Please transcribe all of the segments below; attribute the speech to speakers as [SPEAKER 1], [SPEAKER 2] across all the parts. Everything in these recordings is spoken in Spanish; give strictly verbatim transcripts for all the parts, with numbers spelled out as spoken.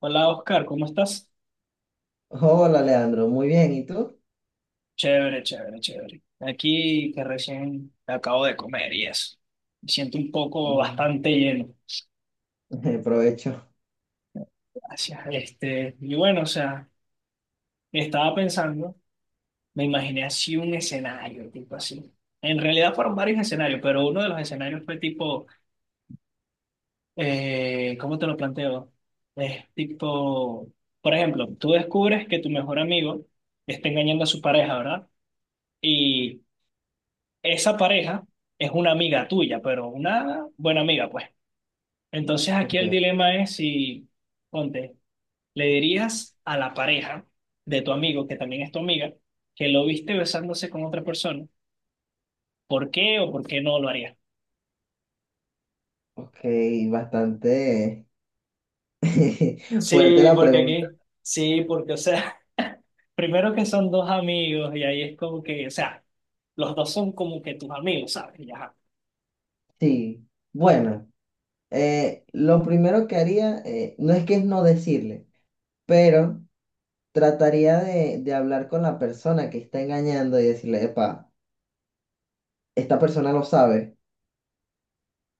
[SPEAKER 1] Hola Oscar, ¿cómo estás?
[SPEAKER 2] Hola Leandro, muy bien, ¿y tú?
[SPEAKER 1] Chévere, chévere, chévere. Aquí que recién acabo de comer y eso. Me siento un poco
[SPEAKER 2] Oh,
[SPEAKER 1] bastante lleno.
[SPEAKER 2] provecho.
[SPEAKER 1] Gracias. Este, y bueno, o sea, estaba pensando, me imaginé así un escenario, tipo así. En realidad fueron varios escenarios, pero uno de los escenarios fue tipo, eh, ¿cómo te lo planteo? Es tipo, por ejemplo, tú descubres que tu mejor amigo está engañando a su pareja, ¿verdad? Y esa pareja es una amiga tuya, pero una buena amiga, pues. Entonces aquí
[SPEAKER 2] Ok,
[SPEAKER 1] el dilema es si, ponte, le dirías a la pareja de tu amigo, que también es tu amiga, que lo viste besándose con otra persona. ¿Por qué o por qué no lo harías?
[SPEAKER 2] ok, bastante fuerte
[SPEAKER 1] Sí,
[SPEAKER 2] la
[SPEAKER 1] porque
[SPEAKER 2] pregunta.
[SPEAKER 1] aquí, sí, porque, o sea, primero que son dos amigos y ahí es como que, o sea, los dos son como que tus amigos, ¿sabes? Y ajá,
[SPEAKER 2] Sí, bueno, eh, lo primero que haría, eh, no es que es no decirle, pero trataría de, de hablar con la persona que está engañando y decirle, epa, esta persona lo sabe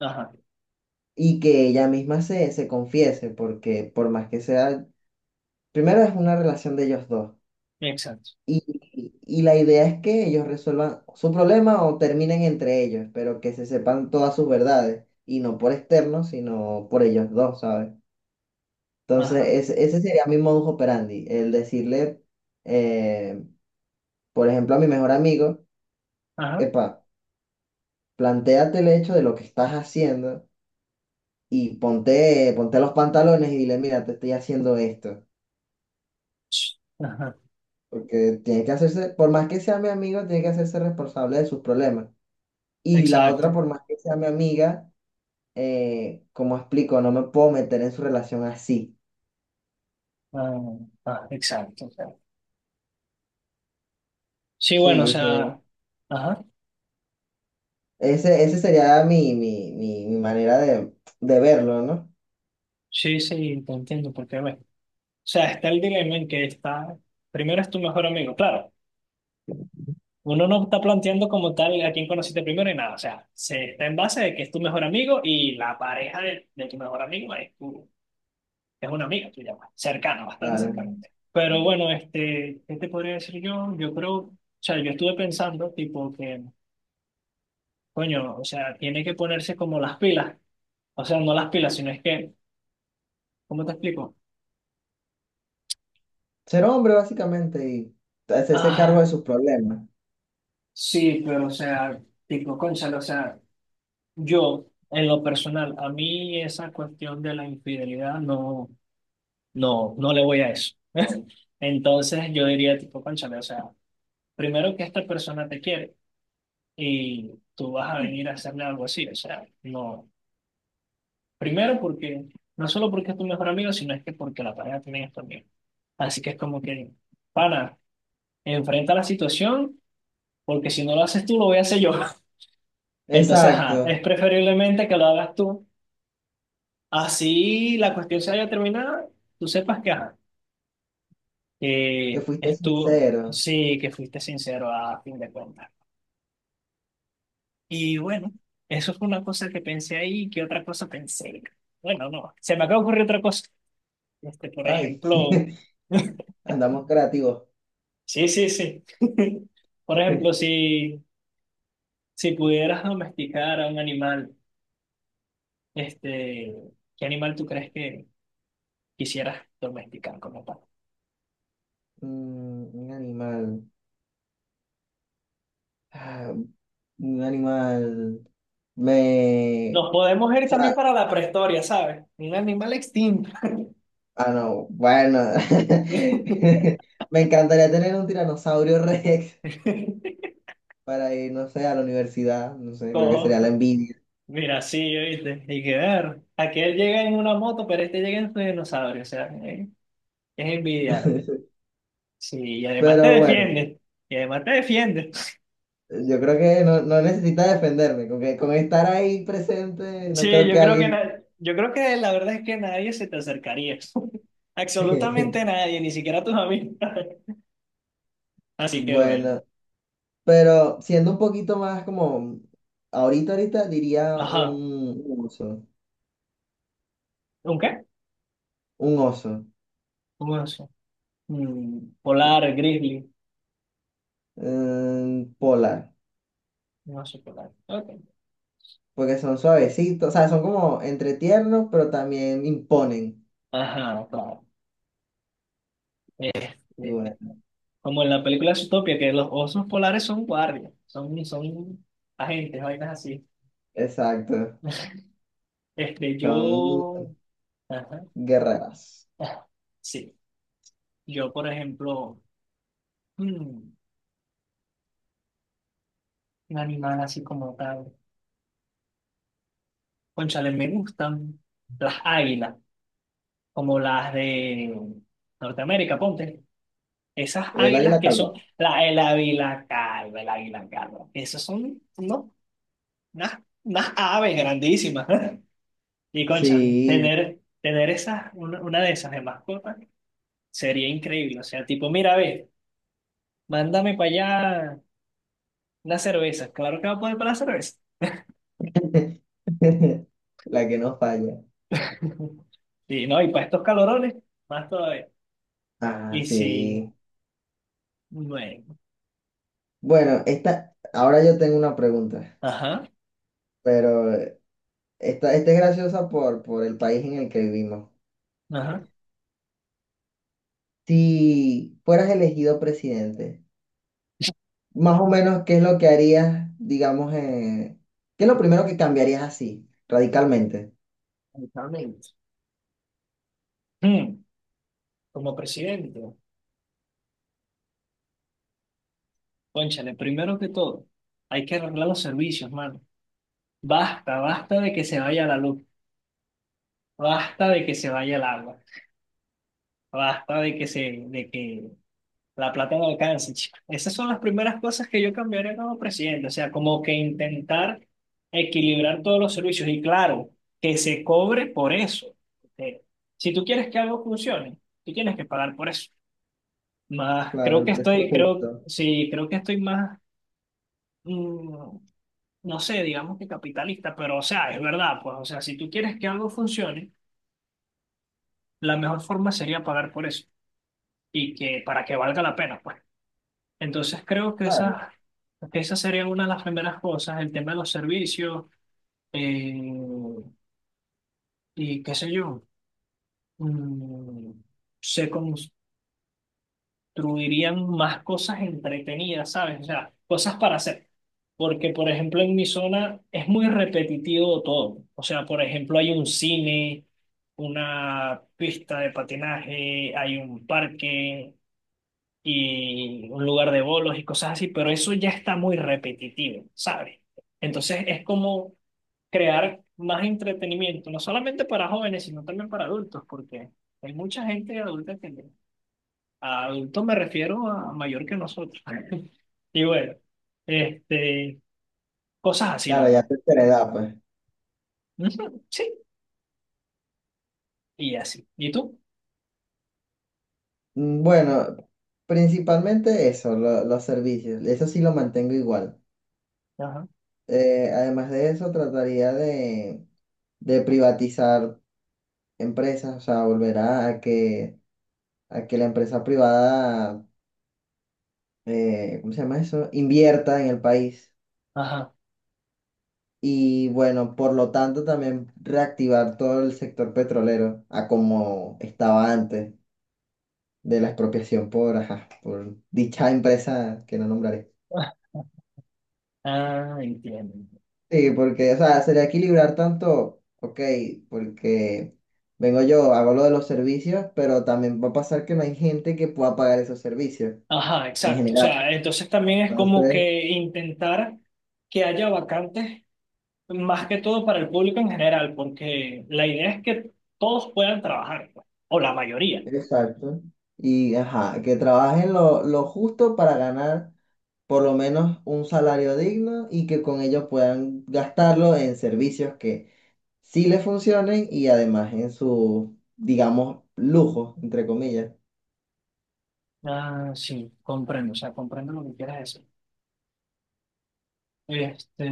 [SPEAKER 1] ajá,
[SPEAKER 2] y que ella misma se, se confiese, porque por más que sea, primero es una relación de ellos dos.
[SPEAKER 1] exacto.
[SPEAKER 2] Y, y la idea es que ellos resuelvan su problema o terminen entre ellos, pero que se sepan todas sus verdades, y no por externos, sino por ellos dos, ¿sabes? Entonces,
[SPEAKER 1] Ajá,
[SPEAKER 2] ese, ese sería mi modus operandi, el decirle, eh, por ejemplo, a mi mejor amigo,
[SPEAKER 1] ajá,
[SPEAKER 2] epa, plantéate el hecho de lo que estás haciendo y ponte, ponte los pantalones y dile, mira, te estoy haciendo esto,
[SPEAKER 1] ch- ajá,
[SPEAKER 2] porque tiene que hacerse, por más que sea mi amigo, tiene que hacerse responsable de sus problemas. Y la otra,
[SPEAKER 1] exacto.
[SPEAKER 2] por más que sea mi amiga, eh, como explico, no me puedo meter en su relación así.
[SPEAKER 1] Ah, ah, exacto, o sea. Sí, bueno, o
[SPEAKER 2] Sí, ese,
[SPEAKER 1] sea, ajá,
[SPEAKER 2] ese, ese sería mi, mi, mi, mi manera de, de verlo, ¿no?
[SPEAKER 1] sí, sí, te entiendo, porque, bueno, o sea, está el dilema en que está, primero es tu mejor amigo, claro, uno no está planteando como tal a quién conociste primero y nada, o sea, se está en base de que es tu mejor amigo y la pareja de, de tu mejor amigo es, tu, es una amiga tuya, pues, cercana, bastante
[SPEAKER 2] La de
[SPEAKER 1] cercana.
[SPEAKER 2] Mm.
[SPEAKER 1] Pero bueno, este, ¿qué te podría decir yo? Yo creo, o sea, yo estuve pensando, tipo, que, coño, o sea, tiene que ponerse como las pilas. O sea, no las pilas, sino es que ¿cómo te explico?
[SPEAKER 2] ser hombre, básicamente, y hacerse cargo de
[SPEAKER 1] Ah,
[SPEAKER 2] sus problemas.
[SPEAKER 1] sí, pero o sea, tipo, cónchale, o sea, yo, en lo personal, a mí esa cuestión de la infidelidad no, no, no le voy a eso. Entonces yo diría, tipo, cónchale, o sea, primero que esta persona te quiere y tú vas a venir a hacerle algo así, o sea, no. Primero porque, no solo porque es tu mejor amigo, sino es que porque la pareja también es tu amigo. Así que es como que, pana, enfrenta la situación, porque si no lo haces tú, lo voy a hacer yo. Entonces, ajá,
[SPEAKER 2] Exacto,
[SPEAKER 1] es preferiblemente que lo hagas tú. Así la cuestión se haya terminado, tú sepas que, ajá,
[SPEAKER 2] que
[SPEAKER 1] que
[SPEAKER 2] fuiste
[SPEAKER 1] es tú,
[SPEAKER 2] sincero.
[SPEAKER 1] sí, que fuiste sincero a fin de cuentas. Y bueno, eso fue una cosa que pensé ahí, ¿qué otra cosa pensé? Bueno, no, se me acaba de ocurrir otra cosa. Este, por
[SPEAKER 2] Ay,
[SPEAKER 1] ejemplo,
[SPEAKER 2] andamos creativos.
[SPEAKER 1] sí, sí, sí. Por ejemplo, si, si pudieras domesticar a un animal, este, ¿qué animal tú crees que quisieras domesticar como tal?
[SPEAKER 2] Mm, un animal. Ah, un animal. Me...
[SPEAKER 1] Nos podemos
[SPEAKER 2] o
[SPEAKER 1] ir también
[SPEAKER 2] sea,
[SPEAKER 1] para la prehistoria, ¿sabes? Un animal extinto.
[SPEAKER 2] ah, no, bueno. Me encantaría tener un tiranosaurio Rex para ir, no sé, a la universidad. No sé, creo que
[SPEAKER 1] Cojo.
[SPEAKER 2] sería la envidia.
[SPEAKER 1] Mira, sí, oíste. Hay que ver. Aquel llega en una moto, pero este llega en su dinosaurio. O sea, eh, es envidiable. Sí, y además te
[SPEAKER 2] Pero bueno,
[SPEAKER 1] defiende. Y además te defiende.
[SPEAKER 2] yo creo que no, no necesita defenderme. Con que, con estar ahí presente, no
[SPEAKER 1] Sí,
[SPEAKER 2] creo
[SPEAKER 1] yo
[SPEAKER 2] que
[SPEAKER 1] creo que
[SPEAKER 2] alguien.
[SPEAKER 1] na- yo creo que la verdad es que nadie se te acercaría. Absolutamente nadie, ni siquiera tus amigos. Así que bueno.
[SPEAKER 2] Bueno, pero siendo un poquito más como. Ahorita, ahorita diría
[SPEAKER 1] Ajá.
[SPEAKER 2] un, un oso.
[SPEAKER 1] ¿Un qué?
[SPEAKER 2] Un oso.
[SPEAKER 1] Un oso. Mm, polar,
[SPEAKER 2] Sí.
[SPEAKER 1] grizzly.
[SPEAKER 2] Mm, polar.
[SPEAKER 1] Un oso polar. Ok.
[SPEAKER 2] Porque son suavecitos, o sea, son como entre tiernos, pero también imponen.
[SPEAKER 1] Ajá, claro.
[SPEAKER 2] Y bueno,
[SPEAKER 1] Este, Como en la película Zootopia, que los osos polares son guardias, son, son agentes, vainas así.
[SPEAKER 2] exacto,
[SPEAKER 1] Este,
[SPEAKER 2] son
[SPEAKER 1] yo, ajá,
[SPEAKER 2] guerreras.
[SPEAKER 1] ah, sí, yo por ejemplo, mm, un animal así como tal, cónchale, me gustan las águilas, como las de Norteamérica, ponte, esas
[SPEAKER 2] El
[SPEAKER 1] águilas
[SPEAKER 2] águila
[SPEAKER 1] que son,
[SPEAKER 2] calva.
[SPEAKER 1] la, el águila calva, el águila calva, esas son, no, unas, unas aves grandísimas, y cónchale,
[SPEAKER 2] Sí,
[SPEAKER 1] tener, tener esas, una, una de esas de mascotas sería increíble. O sea, tipo, mira, ve, mándame para allá una cerveza. Claro que va a poder para la cerveza.
[SPEAKER 2] la que no falla.
[SPEAKER 1] Sí, no, y para estos calorones, más todavía.
[SPEAKER 2] Ah,
[SPEAKER 1] Y si,
[SPEAKER 2] sí.
[SPEAKER 1] bueno,
[SPEAKER 2] Bueno, esta, ahora yo tengo una pregunta,
[SPEAKER 1] ajá,
[SPEAKER 2] pero esta, esta es graciosa por, por el país en el que vivimos.
[SPEAKER 1] ajá.
[SPEAKER 2] Si fueras elegido presidente, más o menos, ¿qué es lo que harías, digamos, eh, qué es lo primero que cambiarías así, radicalmente?
[SPEAKER 1] Exactamente. Mm, como presidente, cónchale, primero que todo, hay que arreglar los servicios, mano. Basta, basta de que se vaya la luz, basta de que se vaya el agua, basta de que se, de que la plata no alcanza, chico. Esas son las primeras cosas que yo cambiaría como presidente, o sea, como que intentar equilibrar todos los servicios y claro, que se cobre por eso. Eh, si tú quieres que algo funcione, tú tienes que pagar por eso. Más,
[SPEAKER 2] Claro,
[SPEAKER 1] creo
[SPEAKER 2] el
[SPEAKER 1] que
[SPEAKER 2] precio
[SPEAKER 1] estoy, creo,
[SPEAKER 2] justo.
[SPEAKER 1] sí, creo que estoy más, mm, no sé, digamos que capitalista, pero o sea, es verdad, pues, o sea, si tú quieres que algo funcione, la mejor forma sería pagar por eso y que para que valga la pena, pues. Entonces creo que
[SPEAKER 2] Claro,
[SPEAKER 1] esas, que esas serían una de las primeras cosas, el tema de los servicios eh, y qué sé yo, mm, se construirían más cosas entretenidas, ¿sabes? O sea, cosas para hacer. Porque, por ejemplo, en mi zona es muy repetitivo todo. O sea, por ejemplo, hay un cine, una pista de patinaje, hay un parque, y un lugar de bolos y cosas así, pero eso ya está muy repetitivo, ¿sabes? Entonces es como crear más entretenimiento, no solamente para jóvenes, sino también para adultos, porque hay mucha gente adulta que... A adultos me refiero a mayor que nosotros. Y bueno, este, cosas así, la
[SPEAKER 2] claro, ya
[SPEAKER 1] verdad.
[SPEAKER 2] tercera edad, pues.
[SPEAKER 1] Ujú, sí, y así. ¿Y tú?
[SPEAKER 2] Mm, bueno, principalmente eso, lo- los servicios. Eso sí lo mantengo igual.
[SPEAKER 1] Ajá,
[SPEAKER 2] Eh, además de eso, trataría de, de privatizar empresas, o sea, volver a, a que, a que la empresa privada, eh, ¿cómo se llama eso? Invierta en el país.
[SPEAKER 1] ajá.
[SPEAKER 2] Y bueno, por lo tanto, también reactivar todo el sector petrolero a como estaba antes de la expropiación por, ajá, por dicha empresa que no nombraré.
[SPEAKER 1] Ah, entiendo.
[SPEAKER 2] Sí, porque, o sea, sería equilibrar tanto, ok, porque vengo yo, hago lo de los servicios, pero también va a pasar que no hay gente que pueda pagar esos servicios
[SPEAKER 1] Ajá,
[SPEAKER 2] en
[SPEAKER 1] exacto. O
[SPEAKER 2] general.
[SPEAKER 1] sea, entonces también es como
[SPEAKER 2] Entonces,
[SPEAKER 1] que intentar que haya vacantes, más que todo para el público en general, porque la idea es que todos puedan trabajar, pues, o la mayoría.
[SPEAKER 2] exacto. Y, ajá, que trabajen lo, lo justo para ganar por lo menos un salario digno y que con ellos puedan gastarlo en servicios que sí le funcionen y además en su, digamos, lujo, entre comillas.
[SPEAKER 1] Ah, sí, comprendo, o sea, comprendo lo que quieras decir. Este,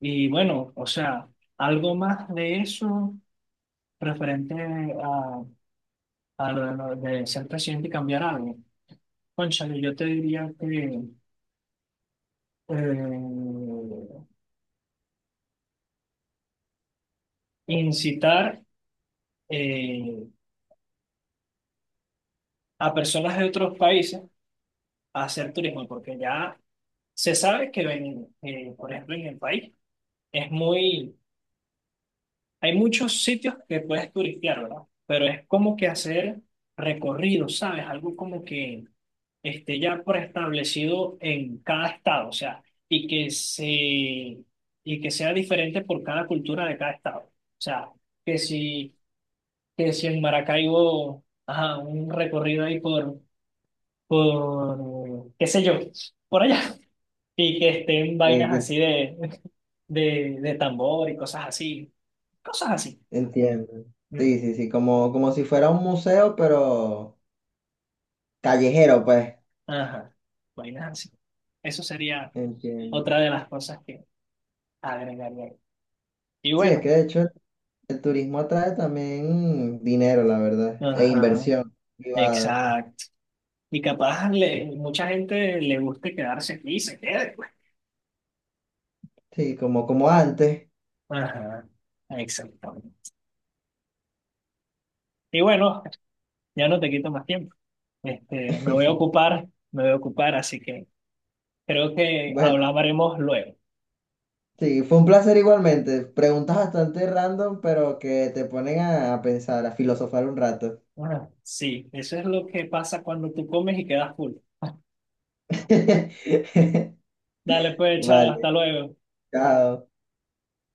[SPEAKER 1] y bueno, o sea, algo más de eso referente a, a lo de, lo de ser presidente y cambiar algo. Cónchale, yo te diría que eh, incitar eh, a personas de otros países a hacer turismo, porque ya se sabe que, en, eh, por ejemplo, en el país es muy, hay muchos sitios que puedes turistear, ¿verdad? Pero es como que hacer recorridos, ¿sabes? Algo como que esté ya preestablecido en cada estado, o sea, y que se, y que sea diferente por cada cultura de cada estado. O sea, que si, que si en Maracaibo, ajá, un recorrido ahí por por, qué sé yo, por allá, y que estén
[SPEAKER 2] Eh,
[SPEAKER 1] vainas
[SPEAKER 2] que
[SPEAKER 1] así de, de, de tambor y cosas así, cosas así.
[SPEAKER 2] entiendo. Sí,
[SPEAKER 1] Ujú.
[SPEAKER 2] sí, sí, como, como si fuera un museo, pero callejero, pues.
[SPEAKER 1] Ajá, vainas así. Eso sería
[SPEAKER 2] Entiendo.
[SPEAKER 1] otra de las cosas que agregaría. Y
[SPEAKER 2] Sí, es
[SPEAKER 1] bueno,
[SPEAKER 2] que de hecho el, el turismo atrae también mm, dinero, la verdad, e
[SPEAKER 1] ajá,
[SPEAKER 2] inversión privada.
[SPEAKER 1] exacto. Y capaz le, mucha gente le guste quedarse aquí y se quede, pues.
[SPEAKER 2] Sí, como, como antes.
[SPEAKER 1] Ajá, exactamente. Y bueno, ya no te quito más tiempo. Este, me voy a ocupar, me voy a ocupar, así que creo que
[SPEAKER 2] Bueno,
[SPEAKER 1] hablaremos luego.
[SPEAKER 2] sí, fue un placer igualmente. Preguntas bastante random, pero que te ponen a, a pensar, a filosofar un rato.
[SPEAKER 1] Ajá. Sí, eso es lo que pasa cuando tú comes y quedas full. Dale pues, chao,
[SPEAKER 2] Vale.
[SPEAKER 1] hasta luego.
[SPEAKER 2] cada